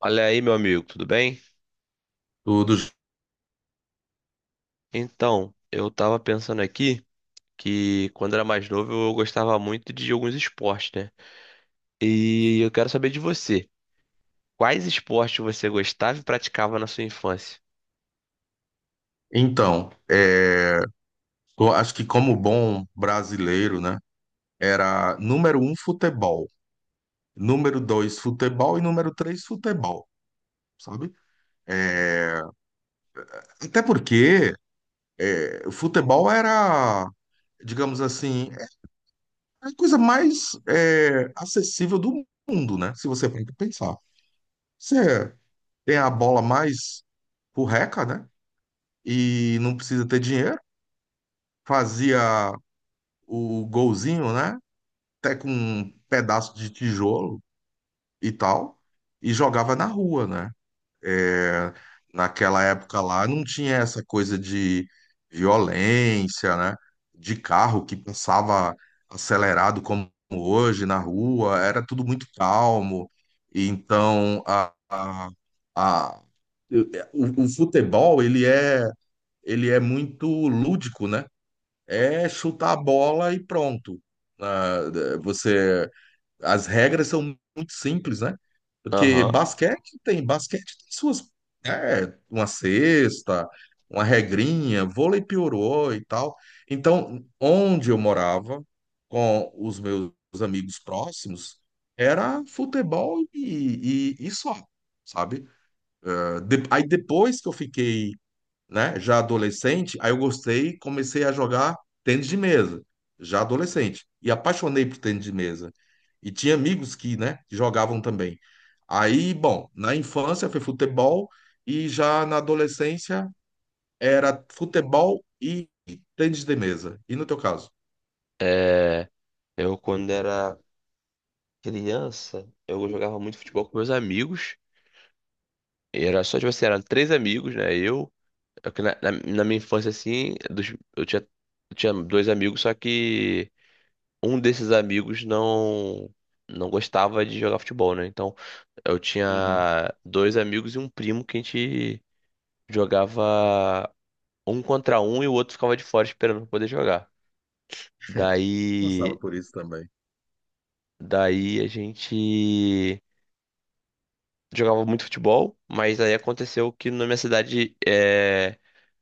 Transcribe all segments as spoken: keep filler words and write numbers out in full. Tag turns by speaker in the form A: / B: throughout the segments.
A: Olha aí, meu amigo, tudo bem?
B: Tudo.
A: Então, eu tava pensando aqui que quando era mais novo eu gostava muito de alguns esportes, né? E eu quero saber de você. Quais esportes você gostava e praticava na sua infância?
B: Então, é, eu acho que como bom brasileiro, né? Era número um futebol, número dois futebol e número três futebol, sabe? Até porque é, o futebol era, digamos assim, é a coisa mais é, acessível do mundo, né? Se você for pensar. Você tem a bola mais porreca, né? E não precisa ter dinheiro. Fazia o golzinho, né? Até com um pedaço de tijolo e tal, e jogava na rua, né? É, naquela época lá não tinha essa coisa de violência, né? De carro que passava acelerado como hoje na rua, era tudo muito calmo. E Então, a, a, a- o, o futebol, ele é, ele é muito lúdico, né? É chutar a bola e pronto. Ah, é, você as regras são muito simples, né? Porque
A: Aham.
B: basquete tem, basquete tem suas, é, uma cesta, uma regrinha, vôlei piorou e tal. Então, onde eu morava com os meus amigos próximos era futebol e, e, e só, sabe? Eh, de- Aí depois que eu fiquei, né? Já adolescente, aí eu gostei e comecei a jogar tênis de mesa, já adolescente. E apaixonei por tênis de mesa. E tinha amigos que, né, jogavam também. Aí, bom, na infância foi futebol e já na adolescência era futebol e tênis de mesa. E no teu caso?
A: É, eu quando era criança, eu jogava muito futebol com meus amigos. E era só, tipo assim, eram três amigos, né? Eu, eu que na, na- na minha infância, assim, dos- eu tinha, eu tinha dois amigos, só que um desses amigos não não gostava de jogar futebol, né? Então eu
B: Uhum.
A: tinha dois amigos e um primo que a gente jogava um contra um e o outro ficava de fora esperando pra poder jogar.
B: passava
A: Daí
B: por isso também.
A: daí a gente jogava muito futebol, mas aí aconteceu que na minha cidade é,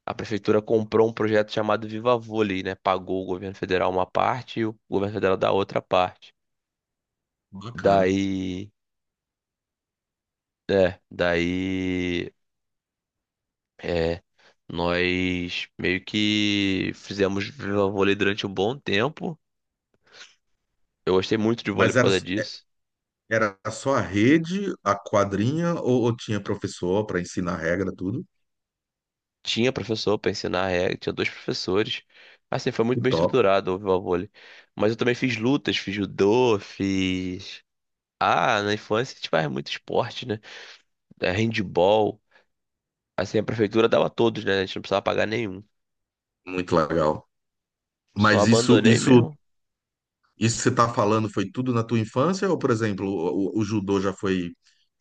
A: a prefeitura comprou um projeto chamado Viva Vôlei, né? Pagou o governo federal uma parte e o governo federal da outra parte.
B: Bacana.
A: Daí é, daí É, nós meio que fizemos vôlei durante um bom tempo. Eu gostei muito de vôlei
B: Mas
A: por
B: era,
A: causa disso.
B: era só a rede, a quadrinha, ou, ou tinha professor para ensinar a regra, tudo?
A: Tinha professor para ensinar a regra, tinha dois professores. Assim, foi muito
B: Que
A: bem
B: top.
A: estruturado o vôlei. Mas eu também fiz lutas, fiz judô, fiz. Ah, na infância a gente faz muito esporte, né? É, handball. Assim, a prefeitura dava a todos, né? A gente não precisava pagar nenhum.
B: Muito legal.
A: Só
B: Mas isso,
A: abandonei
B: isso,
A: mesmo.
B: isso que você está falando foi tudo na tua infância? Ou, por exemplo, o, o- judô já foi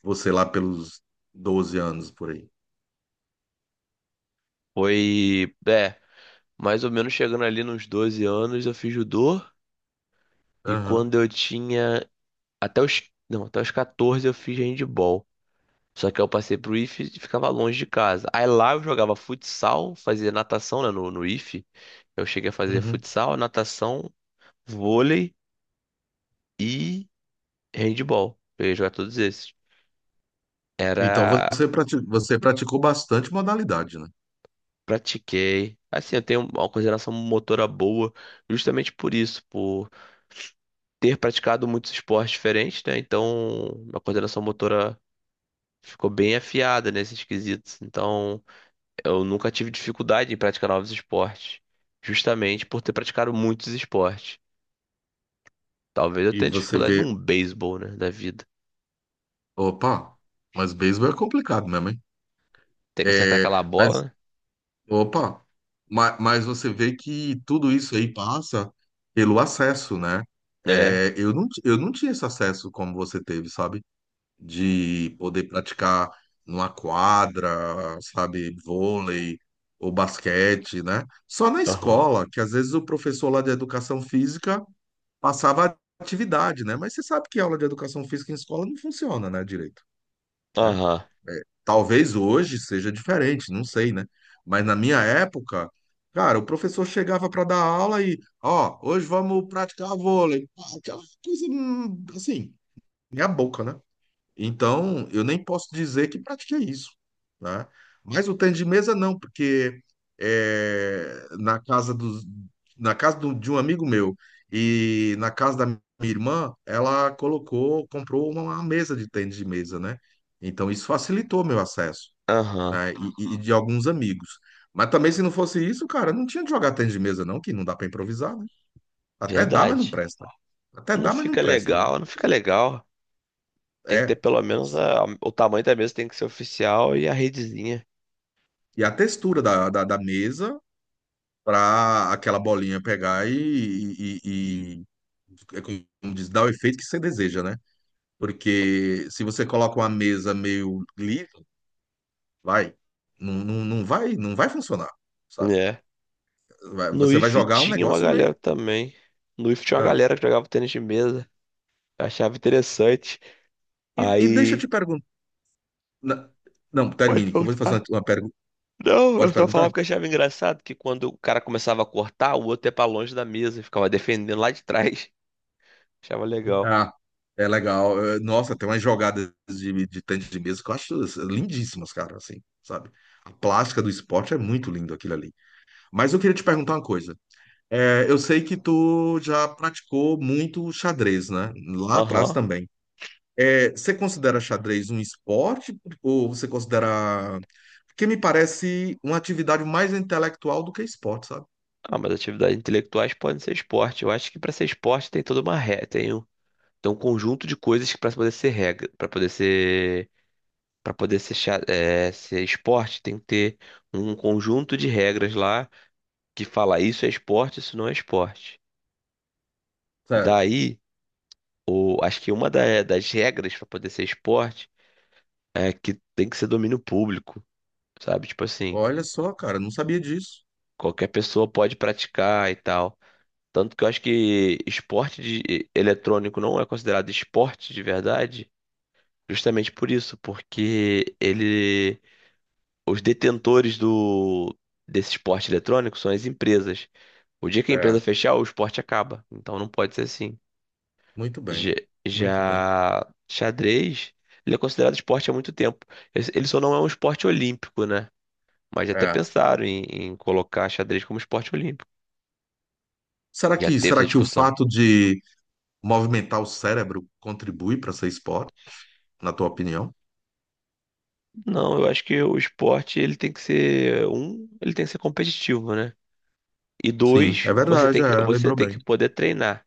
B: você lá pelos doze anos, por aí?
A: Foi, é, mais ou menos chegando ali nos doze anos, eu fiz judô. E
B: Aham.
A: quando eu tinha até os, não, até os quatorze eu fiz handball. Só que eu passei pro ife e ficava longe de casa. Aí lá eu jogava futsal, fazia natação, né, no, no ife. Eu cheguei a fazer
B: Uhum.
A: futsal, natação, vôlei e handball. Eu ia jogar todos esses.
B: Então
A: Era,
B: você, prati- você praticou bastante modalidade, né?
A: Pratiquei. Assim, eu tenho uma coordenação motora boa, justamente por isso, por ter praticado muitos esportes diferentes, né? Então, a coordenação motora ficou bem afiada nesses quesitos. Então, eu nunca tive dificuldade em praticar novos esportes, justamente por ter praticado muitos esportes. Talvez eu
B: E
A: tenha
B: você
A: dificuldade
B: vê,
A: num beisebol, né, da vida.
B: opa, mas beisebol é complicado mesmo, hein?
A: Tem que acertar
B: É,
A: aquela
B: mas,
A: bola,
B: opa, ma- mas, você vê que tudo isso aí passa pelo acesso, né?
A: né? É.
B: É, eu não, ti- eu não tinha esse acesso como você teve, sabe? de poder praticar numa quadra, sabe, vôlei ou basquete, né? Só na
A: Aham.
B: escola, que às vezes o professor lá de educação física passava atividade, né? Mas você sabe que aula de educação física em escola não funciona, né, direito, né?
A: Aham.
B: É, talvez hoje seja diferente, não sei, né? Mas na minha época, cara, o professor chegava para dar aula e, ó, hoje vamos praticar vôlei. Pá, Aquela coisa hum, assim, meia boca, né? Então, eu nem posso dizer que pratiquei isso, né? Mas o tênis de mesa não, porque é, na casa dos, na casa do- de um amigo meu e na casa da minha irmã, ela colocou, comprou uma, uma mesa de tênis de mesa, né? Então, isso facilitou meu acesso,
A: Aham.
B: né? E, e e de alguns amigos. Mas também, se não fosse isso, cara, não tinha de jogar tênis de mesa, não, que não dá para improvisar, né? Até dá, mas não
A: Verdade.
B: presta. Até
A: Não
B: dá, mas não
A: fica
B: presta, né?
A: legal, não fica legal. Tem que ter
B: É.
A: pelo menos a- o tamanho da mesa tem que ser oficial e a redezinha,
B: E a textura da, da, da mesa para aquela bolinha pegar e, e, e- e- é como diz, dá o efeito que você deseja, né? Porque se você coloca uma mesa meio livre, vai, não, não, não vai, não vai funcionar, sabe?
A: né?
B: Vai-
A: No
B: você vai
A: I F
B: jogar um
A: tinha uma
B: negócio meio.
A: galera também. No I F tinha uma
B: Ah.
A: galera que jogava tênis de mesa. Eu achava interessante.
B: E, e deixa eu te
A: Aí,
B: perguntar. Não, não,
A: pode
B: termine, que eu vou fazer uma,
A: perguntar.
B: uma pergunta.
A: Não, eu
B: Pode
A: só
B: perguntar?
A: falava que eu achava engraçado que quando o cara começava a cortar, o outro ia pra longe da mesa, ficava defendendo lá de trás. Achava legal.
B: Ah, é legal. Eh, Nossa, tem umas jogadas de, de tênis de mesa que eu acho assim, lindíssimas, cara, assim, sabe? A plástica do esporte é muito lindo aquilo ali. Mas eu queria te perguntar uma coisa. É, eu sei que tu já praticou muito xadrez, né? Lá atrás
A: Aham.
B: também. É, você considera xadrez um esporte ou você considera... Porque me parece uma atividade mais intelectual do que esporte, sabe?
A: Ah, mas atividades intelectuais podem ser esporte. Eu acho que pra ser esporte tem toda uma regra, tem um, tem um conjunto de coisas que pra poder ser regra, Pra poder ser para poder ser, cha- é, ser esporte, tem que ter um conjunto de regras lá que fala isso é esporte, isso não é esporte.
B: Certo.
A: Daí, o, acho que uma da- das regras pra poder ser esporte é que tem que ser domínio público, sabe? Tipo assim,
B: Olha só, cara, não sabia disso.
A: qualquer pessoa pode praticar e tal. Tanto que eu acho que esporte de- eletrônico não é considerado esporte de verdade, justamente por isso, porque ele, os detentores do desse esporte eletrônico são as empresas. O dia que a empresa
B: É,
A: fechar, o esporte acaba. Então não pode ser assim.
B: muito
A: Já,
B: bem, muito bem.
A: já xadrez, ele é considerado esporte há muito tempo. Ele ele só não é um esporte olímpico, né? Mas já até
B: É.
A: pensaram em, em, colocar xadrez como esporte olímpico.
B: Será
A: Já
B: que,
A: teve essa
B: será que o
A: discussão.
B: fato de movimentar o cérebro contribui para ser esporte, na tua opinião?
A: Não, eu acho que o esporte ele tem que ser um, ele tem que ser competitivo, né? E
B: Sim,
A: dois,
B: é
A: você
B: verdade,
A: tem que,
B: é,
A: você
B: lembrou
A: tem
B: bem.
A: que poder treinar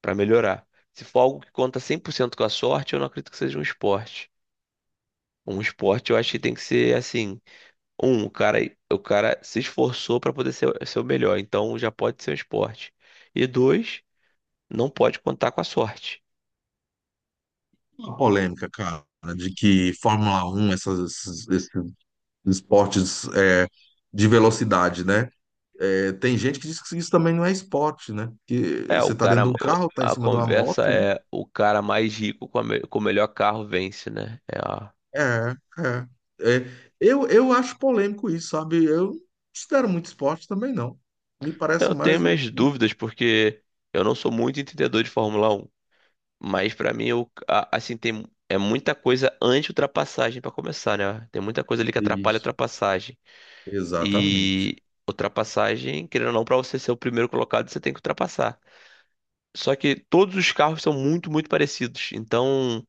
A: pra melhorar. Se for algo que conta cem por cento com a sorte, eu não acredito que seja um esporte. Um esporte eu acho que tem que ser assim, um, o cara, o cara se esforçou pra poder ser, ser o melhor, então já pode ser um esporte. E dois, não pode contar com a sorte.
B: Uma polêmica, cara, de que Fórmula Um essas- esses, esses esportes é, de velocidade, né? É, tem gente que diz que isso também não é esporte, né? Que
A: É, o
B: você tá
A: cara.
B: dentro de um carro, tá em
A: A
B: cima de uma
A: conversa
B: moto, né?
A: é o cara mais rico com, a me- com o melhor carro vence, né? É a-
B: É, é. É. Eu, eu acho polêmico isso, sabe? Eu não considero muito esporte também, não. Me parece
A: Eu tenho
B: mais um.
A: minhas dúvidas porque eu não sou muito entendedor de Fórmula Um, mas pra mim eu, a- assim tem é muita coisa anti-ultrapassagem pra começar, né? Tem muita coisa ali que atrapalha a
B: Isso,
A: ultrapassagem.
B: exatamente.
A: E ultrapassagem, querendo ou não, pra você ser o primeiro colocado, você tem que ultrapassar. Só que todos os carros são muito, muito parecidos. Então,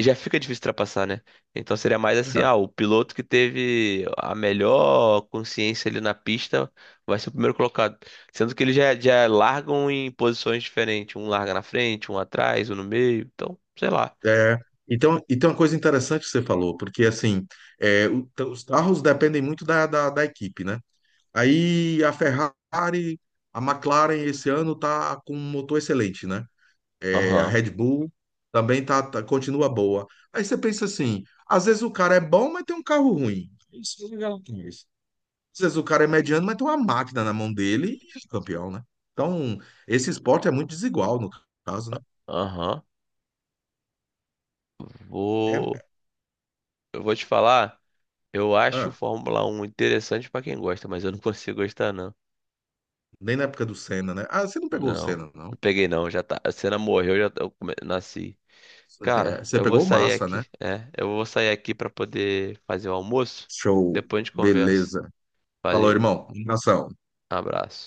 A: já fica difícil ultrapassar, né? Então seria mais assim, ah, o piloto que teve a melhor consciência ali na pista vai ser o primeiro colocado. Sendo que eles já, já largam em posições diferentes. Um larga na frente, um atrás, um no meio. Então, sei lá.
B: É. É. Então, e tem uma coisa interessante que você falou, porque assim, é, o- t- os carros dependem muito da, da da equipe, né? Aí a Ferrari, a McLaren esse ano tá com um motor excelente, né? É, a
A: Aham,
B: Red Bull também tá, tá- continua boa. Aí você pensa assim, às vezes o cara é bom, mas tem um carro ruim. Isso é legal demais. Às vezes o cara é mediano, mas tem uma máquina na mão dele e é campeão, né? Então, esse esporte é muito desigual no caso, né?
A: aham.
B: É,
A: Vou.
B: é,
A: Eu vou te falar. Eu acho o
B: ah,
A: Fórmula um interessante pra quem gosta, mas eu não consigo gostar, não.
B: nem na época do Senna, né? Ah, você não pegou o
A: Não.
B: Senna,
A: Não
B: não.
A: peguei, não. Já tá. A cena morreu, já tá- eu come- nasci.
B: É,
A: Cara,
B: você
A: eu vou
B: pegou o
A: sair
B: Massa,
A: aqui.
B: né?
A: É, eu vou sair aqui pra poder fazer o almoço.
B: Show.
A: Depois a gente conversa.
B: Beleza. Falou,
A: Valeu,
B: irmão. Um Abração.
A: abraço.